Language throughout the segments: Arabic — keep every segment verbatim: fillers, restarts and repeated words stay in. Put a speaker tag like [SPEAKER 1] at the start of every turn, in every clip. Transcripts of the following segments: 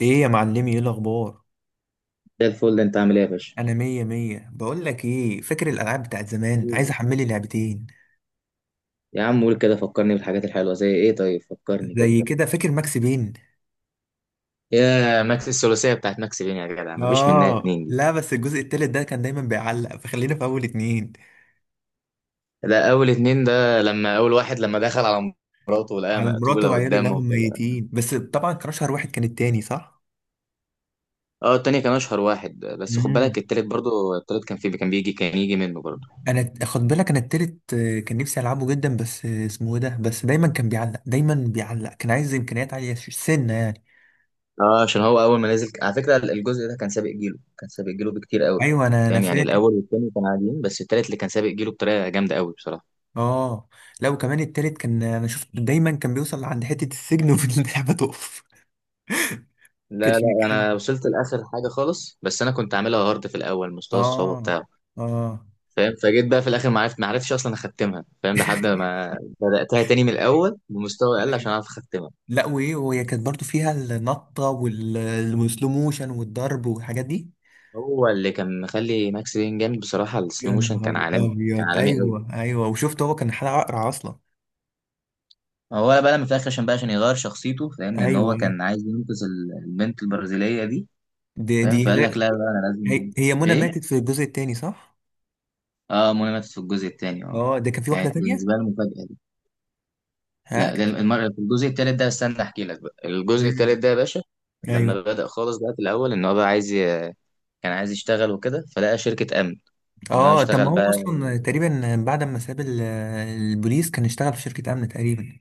[SPEAKER 1] ايه يا معلمي؟ ايه الاخبار؟
[SPEAKER 2] زي الفل. انت عامل ايه يا باشا؟
[SPEAKER 1] انا مية مية. بقول لك ايه فاكر الالعاب بتاعت زمان. عايز
[SPEAKER 2] مم.
[SPEAKER 1] احملي لعبتين
[SPEAKER 2] يا عم قول كده، فكرني بالحاجات الحلوه زي ايه، طيب فكرني كده.
[SPEAKER 1] زي كده. فاكر ماكس بين؟
[SPEAKER 2] يا ماكس، الثلاثيه بتاعت ماكس بين يا جدع مفيش منها
[SPEAKER 1] اه
[SPEAKER 2] اتنين دي.
[SPEAKER 1] لا بس الجزء التالت ده كان دايما بيعلق فخلينا في اول اتنين.
[SPEAKER 2] ده اول اتنين، ده لما اول واحد لما دخل على مراته ولقاها
[SPEAKER 1] على مراته
[SPEAKER 2] مقتوله
[SPEAKER 1] وعياله اللي
[SPEAKER 2] قدامه
[SPEAKER 1] هم
[SPEAKER 2] وكده.
[SPEAKER 1] ميتين، بس طبعا كان اشهر واحد كان التاني صح.
[SPEAKER 2] اه التاني كان اشهر واحد، بس خد بالك
[SPEAKER 1] امم
[SPEAKER 2] التالت برضه، التالت كان في، كان بيجي، كان يجي منه برضه.
[SPEAKER 1] انا، خد بالك، انا التالت، آه، كان نفسي العبه جدا بس آه، اسمه ايه ده، بس دايما كان بيعلق دايما بيعلق، كان عايز امكانيات عالية ش- سنة يعني.
[SPEAKER 2] اه عشان هو اول ما نزل، على فكره الجزء ده كان سابق جيله كان سابق جيله بكتير قوي.
[SPEAKER 1] ايوه انا انا
[SPEAKER 2] فاهم؟ يعني
[SPEAKER 1] فاكر.
[SPEAKER 2] الاول والتاني كانوا عاديين، بس التالت اللي كان سابق جيله بطريقه جامده قوي بصراحه.
[SPEAKER 1] اه لا وكمان التالت كان، انا شفت دايما كان بيوصل عند حتة السجن واللعبة تقف.
[SPEAKER 2] لا
[SPEAKER 1] كانش
[SPEAKER 2] لا
[SPEAKER 1] بيكمل.
[SPEAKER 2] انا وصلت لاخر حاجه خالص، بس انا كنت عاملها هارد في الاول، مستوى الصعوبه
[SPEAKER 1] اه،
[SPEAKER 2] بتاعه
[SPEAKER 1] اه،
[SPEAKER 2] فاهم، فجيت بقى في الاخر ما عرفت ما عرفتش اصلا اختمها فاهم، لحد ما بداتها تاني من الاول بمستوى اقل عشان
[SPEAKER 1] أيوة.
[SPEAKER 2] اعرف اختمها.
[SPEAKER 1] لا وايه وهي كانت برضو فيها النطة وال- والسلو موشن والضرب والحاجات دي.
[SPEAKER 2] هو اللي كان مخلي ماكس بين جامد بصراحه السلو
[SPEAKER 1] يا
[SPEAKER 2] موشن، كان
[SPEAKER 1] نهار
[SPEAKER 2] عالمي كان
[SPEAKER 1] ابيض،
[SPEAKER 2] عالمي قوي.
[SPEAKER 1] ايوه ايوه. وشفت هو كان حلقة اقرع اصلا.
[SPEAKER 2] هو بقى لما في الاخر عشان بقى، عشان يغير شخصيته فاهم، لان
[SPEAKER 1] ايوه
[SPEAKER 2] هو
[SPEAKER 1] ايوه.
[SPEAKER 2] كان عايز ينقذ ال- البنت البرازيليه دي.
[SPEAKER 1] دي
[SPEAKER 2] فاهم؟
[SPEAKER 1] دي
[SPEAKER 2] فقال لك
[SPEAKER 1] غير.
[SPEAKER 2] لا بقى انا
[SPEAKER 1] هي,
[SPEAKER 2] لازم.
[SPEAKER 1] هي منى ماتت
[SPEAKER 2] ايه.
[SPEAKER 1] في الجزء التاني صح؟
[SPEAKER 2] اه منى ماتت في الجزء التاني اه.
[SPEAKER 1] اه ده كان في واحدة
[SPEAKER 2] كانت
[SPEAKER 1] تانية؟
[SPEAKER 2] بالنسبه لي مفاجاه.
[SPEAKER 1] ها؟
[SPEAKER 2] لا ده المر... في الجزء الثالث ده، استنى احكي لك بقى الجزء
[SPEAKER 1] مم.
[SPEAKER 2] الثالث ده يا باشا.
[SPEAKER 1] ايوه.
[SPEAKER 2] لما بدأ خالص بقى في الاول ان هو بقى عايز ي... كان عايز يشتغل وكده، فلقى شركة امن. ان هو
[SPEAKER 1] اه طب
[SPEAKER 2] يشتغل
[SPEAKER 1] ما
[SPEAKER 2] بقى،
[SPEAKER 1] هو اصلا تقريبا بعد ما ساب ال- البوليس كان اشتغل في شركة امن تقريبا.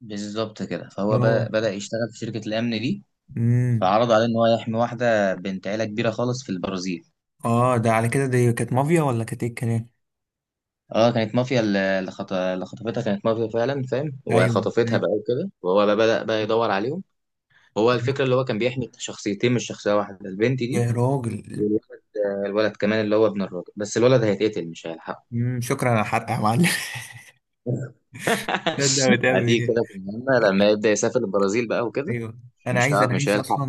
[SPEAKER 2] بالظبط كده، فهو
[SPEAKER 1] اه.
[SPEAKER 2] بقى بدأ يشتغل في شركة الامن دي.
[SPEAKER 1] امم.
[SPEAKER 2] فعرض عليه ان هو يحمي واحدة بنت عيلة كبيرة خالص في البرازيل.
[SPEAKER 1] اه ده على كده دي كانت مافيا ولا كانت ايه الكلام؟
[SPEAKER 2] اه كانت مافيا، ال- اللي خط... اللي خطفتها كانت مافيا فعلا فاهم،
[SPEAKER 1] ايوه
[SPEAKER 2] وخطفتها
[SPEAKER 1] ايوه.
[SPEAKER 2] بقى وكده، وهو بقى بدأ بقى يدور عليهم. هو الفكرة اللي هو كان بيحمي شخصيتين مش شخصية واحدة، البنت دي
[SPEAKER 1] يا راجل.
[SPEAKER 2] والولد. آه، الولد كمان اللي هو ابن الراجل، بس الولد هيتقتل مش هيلحقه.
[SPEAKER 1] امم شكرا على الحرق يا معلم. ده ده بتعمل
[SPEAKER 2] هتيجي
[SPEAKER 1] ايه؟
[SPEAKER 2] كده في المهمة لما يبدأ يسافر البرازيل بقى وكده.
[SPEAKER 1] ايوه. انا
[SPEAKER 2] مش
[SPEAKER 1] عايز
[SPEAKER 2] هعرف،
[SPEAKER 1] انا
[SPEAKER 2] مش
[SPEAKER 1] عايز
[SPEAKER 2] هيلحق.
[SPEAKER 1] اصلا.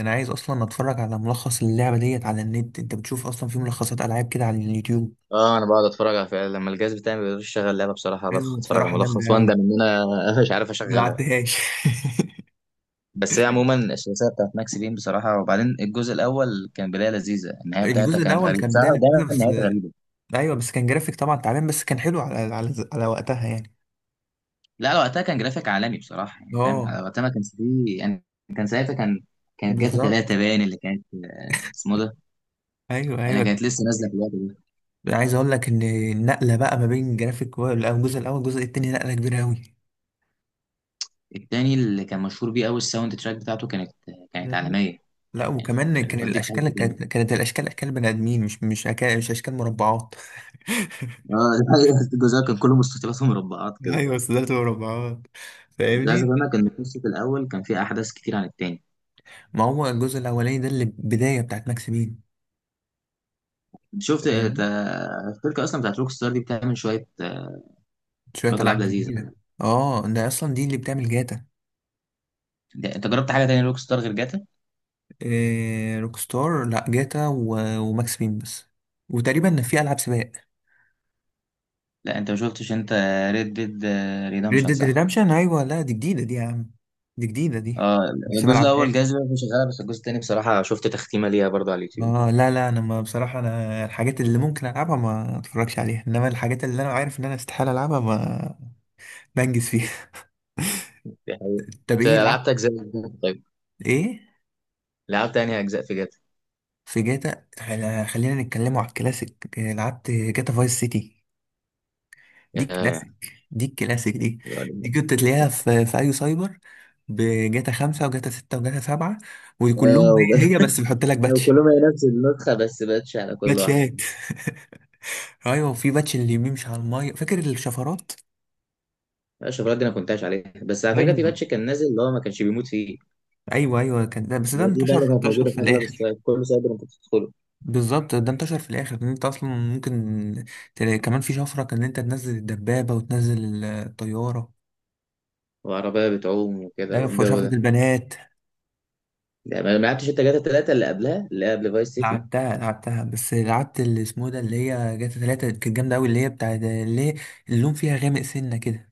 [SPEAKER 1] انا عايز اصلا اتفرج على ملخص اللعبه ديت على النت. انت بتشوف اصلا في ملخصات العاب كده على اليوتيوب؟
[SPEAKER 2] اه انا بقعد اتفرج على، فعلا لما الجهاز بتاعي ما بيقدرش يشغل لعبه بصراحه بدخل
[SPEAKER 1] ايوه
[SPEAKER 2] اتفرج على
[SPEAKER 1] بصراحه جامده
[SPEAKER 2] ملخص،
[SPEAKER 1] قوي.
[SPEAKER 2] واندم ان انا مش عارف
[SPEAKER 1] ما
[SPEAKER 2] اشغلها.
[SPEAKER 1] لعبتهاش.
[SPEAKER 2] بس هي عموما الثلاثيه بتاعت ماكس بين بصراحه، وبعدين الجزء الاول كان بدايه لذيذه، النهايه بتاعتها
[SPEAKER 1] الجزء
[SPEAKER 2] كانت
[SPEAKER 1] الاول
[SPEAKER 2] غريبه
[SPEAKER 1] كان بدايه
[SPEAKER 2] بصراحه، دايما
[SPEAKER 1] لذيذه بس.
[SPEAKER 2] النهايات غريبه.
[SPEAKER 1] ايوه بس كان جرافيك طبعا تعبان، بس كان حلو على على, على وقتها يعني.
[SPEAKER 2] لا على وقتها كان جرافيك عالمي بصراحه يعني، فاهم
[SPEAKER 1] اه.
[SPEAKER 2] على وقتها ما كانش فيه يعني. كان ساعتها كان، كانت جاتا
[SPEAKER 1] بالظبط.
[SPEAKER 2] تلاتة باين اللي كانت، آه، اسمه ده.
[SPEAKER 1] ايوه
[SPEAKER 2] انا
[SPEAKER 1] ايوه.
[SPEAKER 2] كانت لسه نازله في الوقت ده.
[SPEAKER 1] يعني عايز اقول لك ان النقله بقى ما بين جرافيك و- الجزء الاول والجزء التاني نقله كبيره قوي.
[SPEAKER 2] التاني اللي كان مشهور بيه قوي الساوند تراك بتاعته، كانت كانت
[SPEAKER 1] مم.
[SPEAKER 2] عالميه.
[SPEAKER 1] لا
[SPEAKER 2] يعني
[SPEAKER 1] وكمان
[SPEAKER 2] كانت
[SPEAKER 1] كان
[SPEAKER 2] بتوديك في
[SPEAKER 1] الاشكال
[SPEAKER 2] حته
[SPEAKER 1] كانت
[SPEAKER 2] تانيه.
[SPEAKER 1] كانت الاشكال اشكال بني ادمين، مش مش أكا... مش اشكال مربعات.
[SPEAKER 2] اه الجزء كان كله مستطيلات ومربعات كده.
[SPEAKER 1] ايوه بس ده مربعات.
[SPEAKER 2] للاسف
[SPEAKER 1] فاهمني.
[SPEAKER 2] انا كان القصه الاول كان فيه احداث كتير عن التاني.
[SPEAKER 1] ما هو الجزء الاولاني ده اللي بدايه بتاعت ماكس بين.
[SPEAKER 2] شفت آه،
[SPEAKER 1] فاهمني؟
[SPEAKER 2] تا- الشركه اصلا بتاعت روك ستار دي بتعمل شويه، آه،
[SPEAKER 1] شويه
[SPEAKER 2] شويه العاب
[SPEAKER 1] العاب
[SPEAKER 2] لذيذه.
[SPEAKER 1] جديده. اه ده اصلا دي اللي بتعمل جاتا.
[SPEAKER 2] ده- انت جربت حاجه تانية روك ستار غير جاتا؟
[SPEAKER 1] إيه روك ستار، لا جاتا و- وماكس بين بس. وتقريبا في العاب سباق.
[SPEAKER 2] لا انت ما شفتش انت، ريد ديد
[SPEAKER 1] ريد
[SPEAKER 2] ريدمشن
[SPEAKER 1] ديد
[SPEAKER 2] صح.
[SPEAKER 1] ريدمشن، ايوه لا دي جديده دي يا عم. دي جديده دي.
[SPEAKER 2] اه
[SPEAKER 1] لسه ما
[SPEAKER 2] الجزء الاول
[SPEAKER 1] لعبتهاش.
[SPEAKER 2] جايز بقى مش شغاله، بس الجزء التاني بصراحه شفت تختيمه ليها برضه على اليوتيوب.
[SPEAKER 1] اه لا لا، انا ما، بصراحه انا الحاجات اللي ممكن العبها ما اتفرجش عليها، انما الحاجات اللي انا عارف ان انا استحاله العبها ما بنجز فيها.
[SPEAKER 2] دي حقيقة.
[SPEAKER 1] طب
[SPEAKER 2] انت
[SPEAKER 1] ايه
[SPEAKER 2] لعبت
[SPEAKER 1] لعبت؟
[SPEAKER 2] اجزاء جديدة؟ طيب
[SPEAKER 1] ايه.
[SPEAKER 2] لعبت انهي اجزاء في جاتا؟
[SPEAKER 1] في جاتا خل- خلينا نتكلموا على الكلاسيك. إيه، لعبت جاتا فايس سيتي. دي
[SPEAKER 2] ياه.
[SPEAKER 1] الكلاسيك. دي الكلاسيك دي. دي كنت تلاقيها في في اي سايبر. بجاتا خمسة وجاتا ستة وجاتا سبعة.
[SPEAKER 2] اه
[SPEAKER 1] وكلهم
[SPEAKER 2] وب-
[SPEAKER 1] هي هي، بس بيحط لك باتش.
[SPEAKER 2] وكلهم هي نفس النسخه بس باتش على كل واحده.
[SPEAKER 1] باتشات. ايوه، وفي باتش اللي بيمشي على المية. فاكر الشفرات؟
[SPEAKER 2] اشوف دي، انا كنت عايش عليها. بس على فكره في
[SPEAKER 1] ايوه
[SPEAKER 2] باتش كان نازل اللي هو ما كانش بيموت فيه.
[SPEAKER 1] ايوه ايوه، كان ده. بس ده
[SPEAKER 2] اللي هو دي بقى
[SPEAKER 1] انتشر
[SPEAKER 2] اللي كانت
[SPEAKER 1] انتشر
[SPEAKER 2] موجوده
[SPEAKER 1] في
[SPEAKER 2] في اغلب
[SPEAKER 1] الاخر.
[SPEAKER 2] السايبر، كل سايبر انت بتدخله.
[SPEAKER 1] بالظبط، ده انتشر في الاخر ان انت اصلا ممكن تلاقي كمان في شفرة كان ان انت تنزل الدبابة وتنزل الطيارة.
[SPEAKER 2] وعربيه بتعوم وكده
[SPEAKER 1] ايوه في
[SPEAKER 2] والجو
[SPEAKER 1] شفرة
[SPEAKER 2] ده.
[SPEAKER 1] البنات.
[SPEAKER 2] يعني ما ما لعبتش انت جاتا الثلاثه اللي قبلها، اللي قبل فايس سيتي؟
[SPEAKER 1] لعبتها لعبتها بس لعبت اللي اسمه ده اللي هي جاتا تلاتة كانت جامدة أوي، اللي هي بتاع ده- اللي هي اللون فيها غامق سنة كده.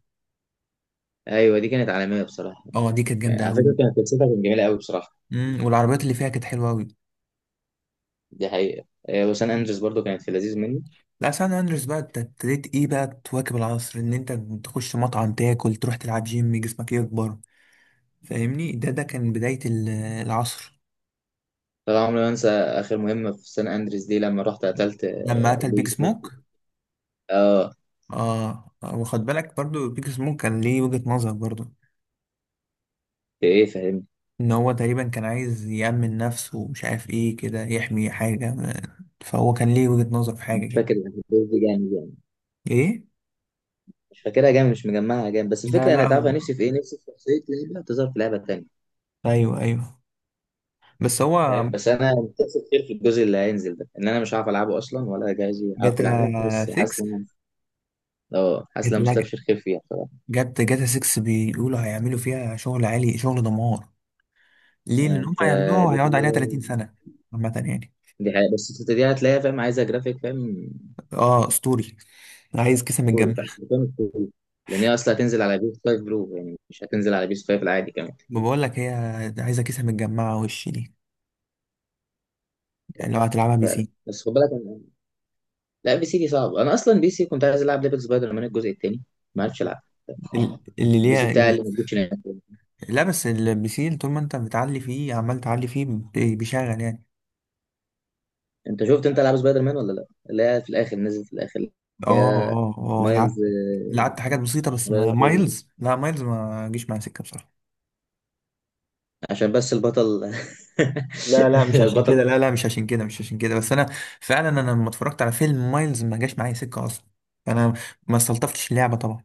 [SPEAKER 2] ايوه دي كانت عالميه بصراحه
[SPEAKER 1] اه دي كانت
[SPEAKER 2] يعني،
[SPEAKER 1] جامدة
[SPEAKER 2] على فكره
[SPEAKER 1] أوي.
[SPEAKER 2] كانت قصتها كانت جميله قوي بصراحه.
[SPEAKER 1] مم. والعربيات اللي فيها كانت حلوة أوي.
[SPEAKER 2] دي حقيقه. آه، وسان
[SPEAKER 1] مم.
[SPEAKER 2] اندريس برضو كانت في لذيذ مني.
[SPEAKER 1] لا سان أندريس بقى أنت ابتديت إيه بقى تواكب العصر، إن أنت تخش مطعم تاكل تروح تلعب جيم جسمك يكبر. فاهمني، ده ده كان بداية ال- العصر.
[SPEAKER 2] طبعا عمري ما انسى اخر مهمه في سان اندريس دي لما رحت قتلت،
[SPEAKER 1] لما مم.
[SPEAKER 2] آه،
[SPEAKER 1] قتل
[SPEAKER 2] بيج
[SPEAKER 1] بيج
[SPEAKER 2] سموك.
[SPEAKER 1] سموك.
[SPEAKER 2] اه
[SPEAKER 1] اه آه، واخد بالك برضو بيج سموك كان ليه وجهة نظر برضو.
[SPEAKER 2] في ايه فاهم.
[SPEAKER 1] ان هو تقريبا كان عايز يأمن نفسه ومش عارف ايه كده، يحمي حاجة ما- فهو كان ليه وجهة نظر في حاجة
[SPEAKER 2] مش
[SPEAKER 1] كده.
[SPEAKER 2] فاكر الأحداث دي جامد يعني،
[SPEAKER 1] ايه.
[SPEAKER 2] مش فاكرها جامد، مش مجمعها جامد، بس
[SPEAKER 1] لا
[SPEAKER 2] الفكره، انا
[SPEAKER 1] لا
[SPEAKER 2] تعرف
[SPEAKER 1] هو.
[SPEAKER 2] أنا نفسي في ايه؟ نفسي في شخصيه لعبه تظهر في لعبه تانيه.
[SPEAKER 1] ايوه ايوه بس هو.
[SPEAKER 2] فاهم؟ بس انا متأسف كتير في الجزء اللي هينزل ده ان انا مش عارف العبه اصلا، ولا جاهز عارف يلعبه،
[SPEAKER 1] جاتا
[SPEAKER 2] بس حاسس
[SPEAKER 1] ستة.
[SPEAKER 2] ان أنا- اه حاسس ان
[SPEAKER 1] جاتا
[SPEAKER 2] أنا
[SPEAKER 1] لا.
[SPEAKER 2] مستبشر خير فيها بصراحه.
[SPEAKER 1] جاتا جاتا ستة بيقولوا هيعملوا فيها شغل عالي شغل دمار. ليه؟
[SPEAKER 2] يعني
[SPEAKER 1] لان هم
[SPEAKER 2] انت،
[SPEAKER 1] هيعملوها
[SPEAKER 2] دي
[SPEAKER 1] هيقعد عليها ثلاثين سنة. عامة يعني.
[SPEAKER 2] دي حقيقة، بس أنت دي هتلاقيها فاهم عايزه جرافيك فاهم،
[SPEAKER 1] اه اسطوري. عايز كيسة
[SPEAKER 2] كوري
[SPEAKER 1] متجمعة.
[SPEAKER 2] فاهم، فاهم كوري. لان هي اصلا هتنزل على بيس خمسة برو يعني، مش هتنزل على بيس خمسة العادي كمان.
[SPEAKER 1] ما بقول لك هي عايزة كيسة متجمعة وش دي. يعني لو هتلعبها بي
[SPEAKER 2] ف-
[SPEAKER 1] سي.
[SPEAKER 2] بس خد بالك، لا بي سي دي صعب، انا اصلا بي سي كنت عايز العب ليفل سبايدر مان الجزء الثاني، ما عرفتش العب.
[SPEAKER 1] ال- اللي
[SPEAKER 2] البي سي
[SPEAKER 1] ليها.
[SPEAKER 2] بتاعي اللي موجودش هناك.
[SPEAKER 1] لا بس البي سي طول ما انت بتعلي فيه عمال تعلي فيه بي- بيشغل يعني.
[SPEAKER 2] انت شفت انت العاب سبايدر مان ولا لا؟ اللي هي في الاخر نزل في الاخر، اللي
[SPEAKER 1] اه
[SPEAKER 2] هي
[SPEAKER 1] اه اه. لعبت.
[SPEAKER 2] مايلز.
[SPEAKER 1] لعبت حاجات بسيطة بس، ما
[SPEAKER 2] آه،
[SPEAKER 1] مايلز، لا مايلز ما جيش معايا سكة بصراحة.
[SPEAKER 2] عشان بس البطل
[SPEAKER 1] لا لا مش عشان
[SPEAKER 2] البطل.
[SPEAKER 1] كده، لا لا مش عشان كده، مش عشان كده بس انا فعلا. انا لما اتفرجت على فيلم مايلز ما جاش معايا سكة اصلا. انا. ما استلطفتش اللعبة طبعا.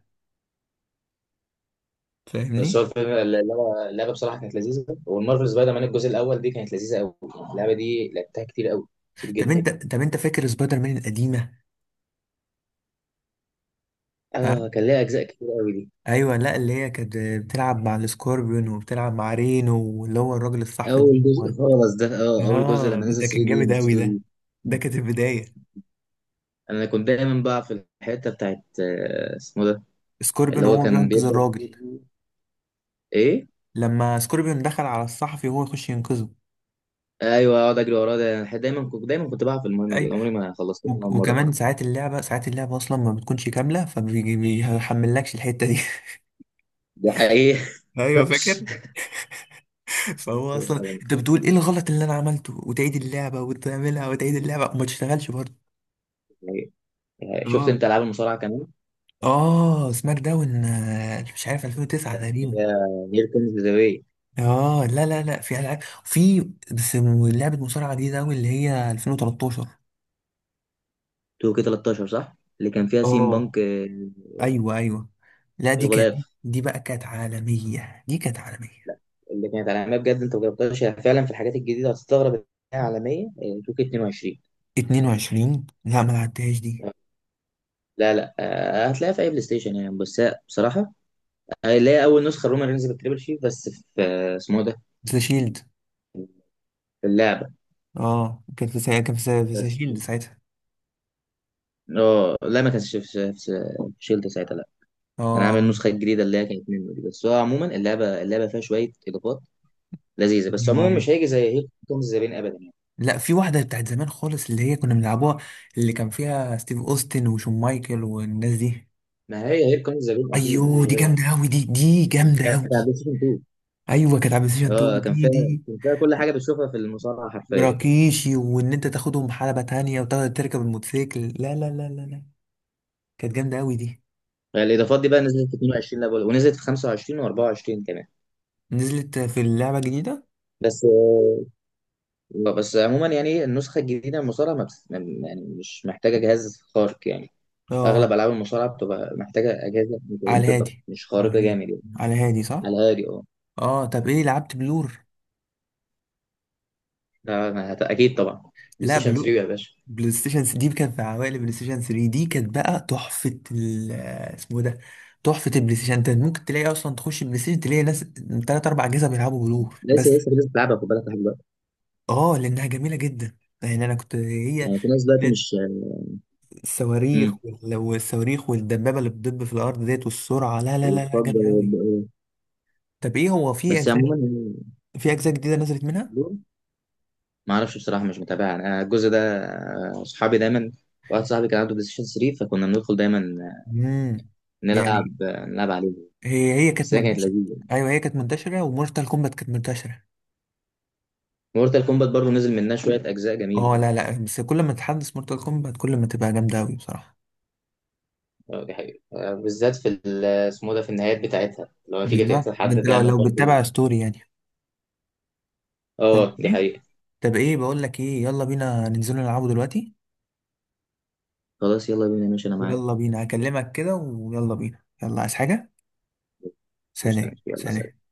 [SPEAKER 2] بس هو
[SPEAKER 1] فاهمني.
[SPEAKER 2] الفيلم، اللعبه، اللعبه بصراحه كانت لذيذه، والمارفل سبايدر مان الجزء الاول دي كانت لذيذه قوي. اللعبه دي لعبتها كتير قوي، كتير
[SPEAKER 1] طب
[SPEAKER 2] جدا.
[SPEAKER 1] انت طب انت فاكر سبايدر مان القديمة؟ ها.
[SPEAKER 2] اه كان ليها اجزاء كتير قوي دي.
[SPEAKER 1] ايوه لا اللي هي كانت بتلعب مع السكوربيون وبتلعب مع رينو واللي هو الراجل الصحفي ده.
[SPEAKER 2] اول جزء خالص ده، اه اول جزء
[SPEAKER 1] اه
[SPEAKER 2] لما
[SPEAKER 1] ده,
[SPEAKER 2] نزل
[SPEAKER 1] ده كان
[SPEAKER 2] ثلاثة دي
[SPEAKER 1] جامد
[SPEAKER 2] مش
[SPEAKER 1] قوي ده.
[SPEAKER 2] اتنين.
[SPEAKER 1] ده
[SPEAKER 2] دي
[SPEAKER 1] كانت البداية.
[SPEAKER 2] انا كنت دايما بقى في الحته بتاعت، آه، اسمه ده.
[SPEAKER 1] سكوربين
[SPEAKER 2] اللي هو
[SPEAKER 1] وهو
[SPEAKER 2] كان
[SPEAKER 1] بينقذ
[SPEAKER 2] بيبدا
[SPEAKER 1] الراجل.
[SPEAKER 2] يجيب- ايه.
[SPEAKER 1] لما سكوربين دخل على الصحفي وهو يخش ينقذه.
[SPEAKER 2] ايوه اقعد اجري وراه ده، أنا دايما كنت دايما كنت بقى في المهمه دي،
[SPEAKER 1] اي.
[SPEAKER 2] عمري ما خلصتها ولا
[SPEAKER 1] وك-
[SPEAKER 2] مره.
[SPEAKER 1] وكمان ساعات اللعبة ساعات اللعبة اصلا ما بتكونش كاملة فبيحملكش الحتة دي.
[SPEAKER 2] ده حقيقي.
[SPEAKER 1] ايوه فاكر. فهو اصلا انت بتقول ايه الغلط اللي انا عملته وتعيد اللعبة وتعملها وتعيد اللعبة وما تشتغلش برضه.
[SPEAKER 2] يعني شفت
[SPEAKER 1] اه
[SPEAKER 2] انت العاب المصارعه كمان؟
[SPEAKER 1] اه سماك داون آه، مش عارف ألفين وتسعة تقريبا.
[SPEAKER 2] هي هير كومز ذا واي.
[SPEAKER 1] اه لا لا لا في العاب في. بس لعبه مصارعه جديده قوي اللي هي ألفين وتلتاشر.
[SPEAKER 2] تو كيه تلتاشر صح اللي كان فيها سيم
[SPEAKER 1] اه
[SPEAKER 2] بانك. آه،
[SPEAKER 1] ايوه ايوه. لا دي كانت،
[SPEAKER 2] الغلاف
[SPEAKER 1] دي بقى كانت عالميه دي كانت عالميه.
[SPEAKER 2] اللي كانت عالميه بجد، انت ما جربتهاش؟ هي فعلا في الحاجات الجديده هتستغرب إنها عالميه. آه، تو كيه اتنين وعشرين.
[SPEAKER 1] اتنين وعشرين لا ما لعبتهاش دي.
[SPEAKER 2] لا لا، آه، هتلاقيها في اي بلاي ستيشن يعني، بس هي بصراحه، آه، اللي هي اول نسخه رومان رينز بالتريبل شيف، بس في، آه، اسمه إيه ده،
[SPEAKER 1] ذا شيلد.
[SPEAKER 2] في اللعبه.
[SPEAKER 1] اه كانت في سا... كان في سا... في ذا
[SPEAKER 2] بس
[SPEAKER 1] شيلد ساعتها.
[SPEAKER 2] اه لا، ما كانش في، في- في شيلد ساعتها لا. كان عامل
[SPEAKER 1] اه
[SPEAKER 2] النسخه الجديده اللي هي كانت منه دي، بس هو عموما اللعبه، اللعبه فيها شويه اضافات لذيذه، بس
[SPEAKER 1] ايوه
[SPEAKER 2] عموما
[SPEAKER 1] ايوه.
[SPEAKER 2] مش هيجي زي هير كومز ذا بين ابدا يعني.
[SPEAKER 1] لا في واحده بتاعت زمان خالص اللي هي كنا بنلعبوها. اللي كان فيها ستيف اوستن وشون مايكل والناس دي.
[SPEAKER 2] ما هي هير كومز ذا بين اكيد
[SPEAKER 1] ايوه
[SPEAKER 2] مفيش
[SPEAKER 1] دي
[SPEAKER 2] غيرها.
[SPEAKER 1] جامده قوي دي دي جامده
[SPEAKER 2] كانت على
[SPEAKER 1] قوي.
[SPEAKER 2] بلاي ستيشن اتنين.
[SPEAKER 1] ايوه كانت على بلاي ستيشن
[SPEAKER 2] اه كان فيها،
[SPEAKER 1] اتنين دي دي.
[SPEAKER 2] كان فيها كل حاجه بتشوفها في المصارعه حرفيا.
[SPEAKER 1] وراكيشي وان انت تاخدهم حلبة تانية وتاخد تركب الموتوسيكل، لا لا لا لا لا كانت جامدة قوي دي.
[SPEAKER 2] الاضافات دي بقى نزلت في اتنين وعشرين، لا بقول- ونزلت في خمسة وعشرين و24 كمان.
[SPEAKER 1] نزلت في اللعبة الجديدة.
[SPEAKER 2] بس آه، آه، بس عموما يعني النسخة الجديدة من المصارعة ما بس يعني، يعني مش محتاجة جهاز خارق يعني.
[SPEAKER 1] اه
[SPEAKER 2] أغلب ألعاب المصارعة بتبقى محتاجة أجهزة
[SPEAKER 1] على
[SPEAKER 2] متوسطة
[SPEAKER 1] الهادي.
[SPEAKER 2] مش
[SPEAKER 1] على
[SPEAKER 2] خارقة
[SPEAKER 1] الهادي.
[SPEAKER 2] جامد يعني.
[SPEAKER 1] على الهادي
[SPEAKER 2] على
[SPEAKER 1] صح.
[SPEAKER 2] الهادي أه.
[SPEAKER 1] اه طب ايه لعبت بلور؟
[SPEAKER 2] لا، ما هت- أكيد طبعا، بلاي
[SPEAKER 1] لا
[SPEAKER 2] ستيشن
[SPEAKER 1] بلور.
[SPEAKER 2] تلاتة يا باشا.
[SPEAKER 1] بلاي ستيشن تلاتة دي كانت في عوائل، بلاي ستيشن تلاتة دي كانت بقى تحفة ال اسمه إيه ده، تحفة البلاي ستيشن. انت ممكن تلاقي اصلا تخش البلاي ستيشن تلاقي ناس تلات اربع اجهزة بيلعبوا بلور بس.
[SPEAKER 2] لسه لسه في ناس بتلعبها خد بالك لحد دلوقتي.
[SPEAKER 1] اه لانها جميلة جدا. يعني انا كنت، هي
[SPEAKER 2] يعني في ناس دلوقتي مش. امم.
[SPEAKER 1] الصواريخ وال- والصواريخ والدبابة اللي بتدب في الأرض ديت والسرعة، لا لا لا لا
[SPEAKER 2] وتفضل.
[SPEAKER 1] جامد أوي. طب إيه هو في
[SPEAKER 2] بس
[SPEAKER 1] أجزاء،
[SPEAKER 2] عموما يعني،
[SPEAKER 1] في أجزاء جديدة نزلت منها؟
[SPEAKER 2] ما اعرفش بصراحه مش متابع انا الجزء ده. آه، اصحابي دايما، واحد صاحبي كان عنده بلاي ستيشن تلاتة فكنا بندخل دايما
[SPEAKER 1] امم. يعني
[SPEAKER 2] نلعب نلعب عليه.
[SPEAKER 1] هي هي كانت
[SPEAKER 2] بس هي كانت
[SPEAKER 1] منتشرة.
[SPEAKER 2] لذيذه.
[SPEAKER 1] أيوه هي كانت منتشرة ومورتال كومبات كانت منتشرة.
[SPEAKER 2] مورتال كومبات برضو نزل منها شوية أجزاء جميلة.
[SPEAKER 1] أه لا لا بس كل ما تحدث مورتال كومبات كل ما تبقى جامدة أوي بصراحة.
[SPEAKER 2] آه، دي حقيقة. آه، بالذات في ال- اسمه ده، في النهايات بتاعتها لو تيجي
[SPEAKER 1] بالظبط،
[SPEAKER 2] تقتل
[SPEAKER 1] ده
[SPEAKER 2] حد
[SPEAKER 1] أنت لو
[SPEAKER 2] تعمل
[SPEAKER 1] لو
[SPEAKER 2] برضه.
[SPEAKER 1] بتتابع ستوري يعني.
[SPEAKER 2] اه دي
[SPEAKER 1] فاهمني؟
[SPEAKER 2] حقيقة.
[SPEAKER 1] طب إيه، بقول لك إيه، يلا بينا ننزلوا نلعبوا دلوقتي.
[SPEAKER 2] خلاص يلا بينا ماشي، أنا معاك.
[SPEAKER 1] يلا بينا. هكلمك كده ويلا بينا. يلا عايز حاجة؟
[SPEAKER 2] مش
[SPEAKER 1] سلام
[SPEAKER 2] تمام. يلا
[SPEAKER 1] سلام.
[SPEAKER 2] سلام.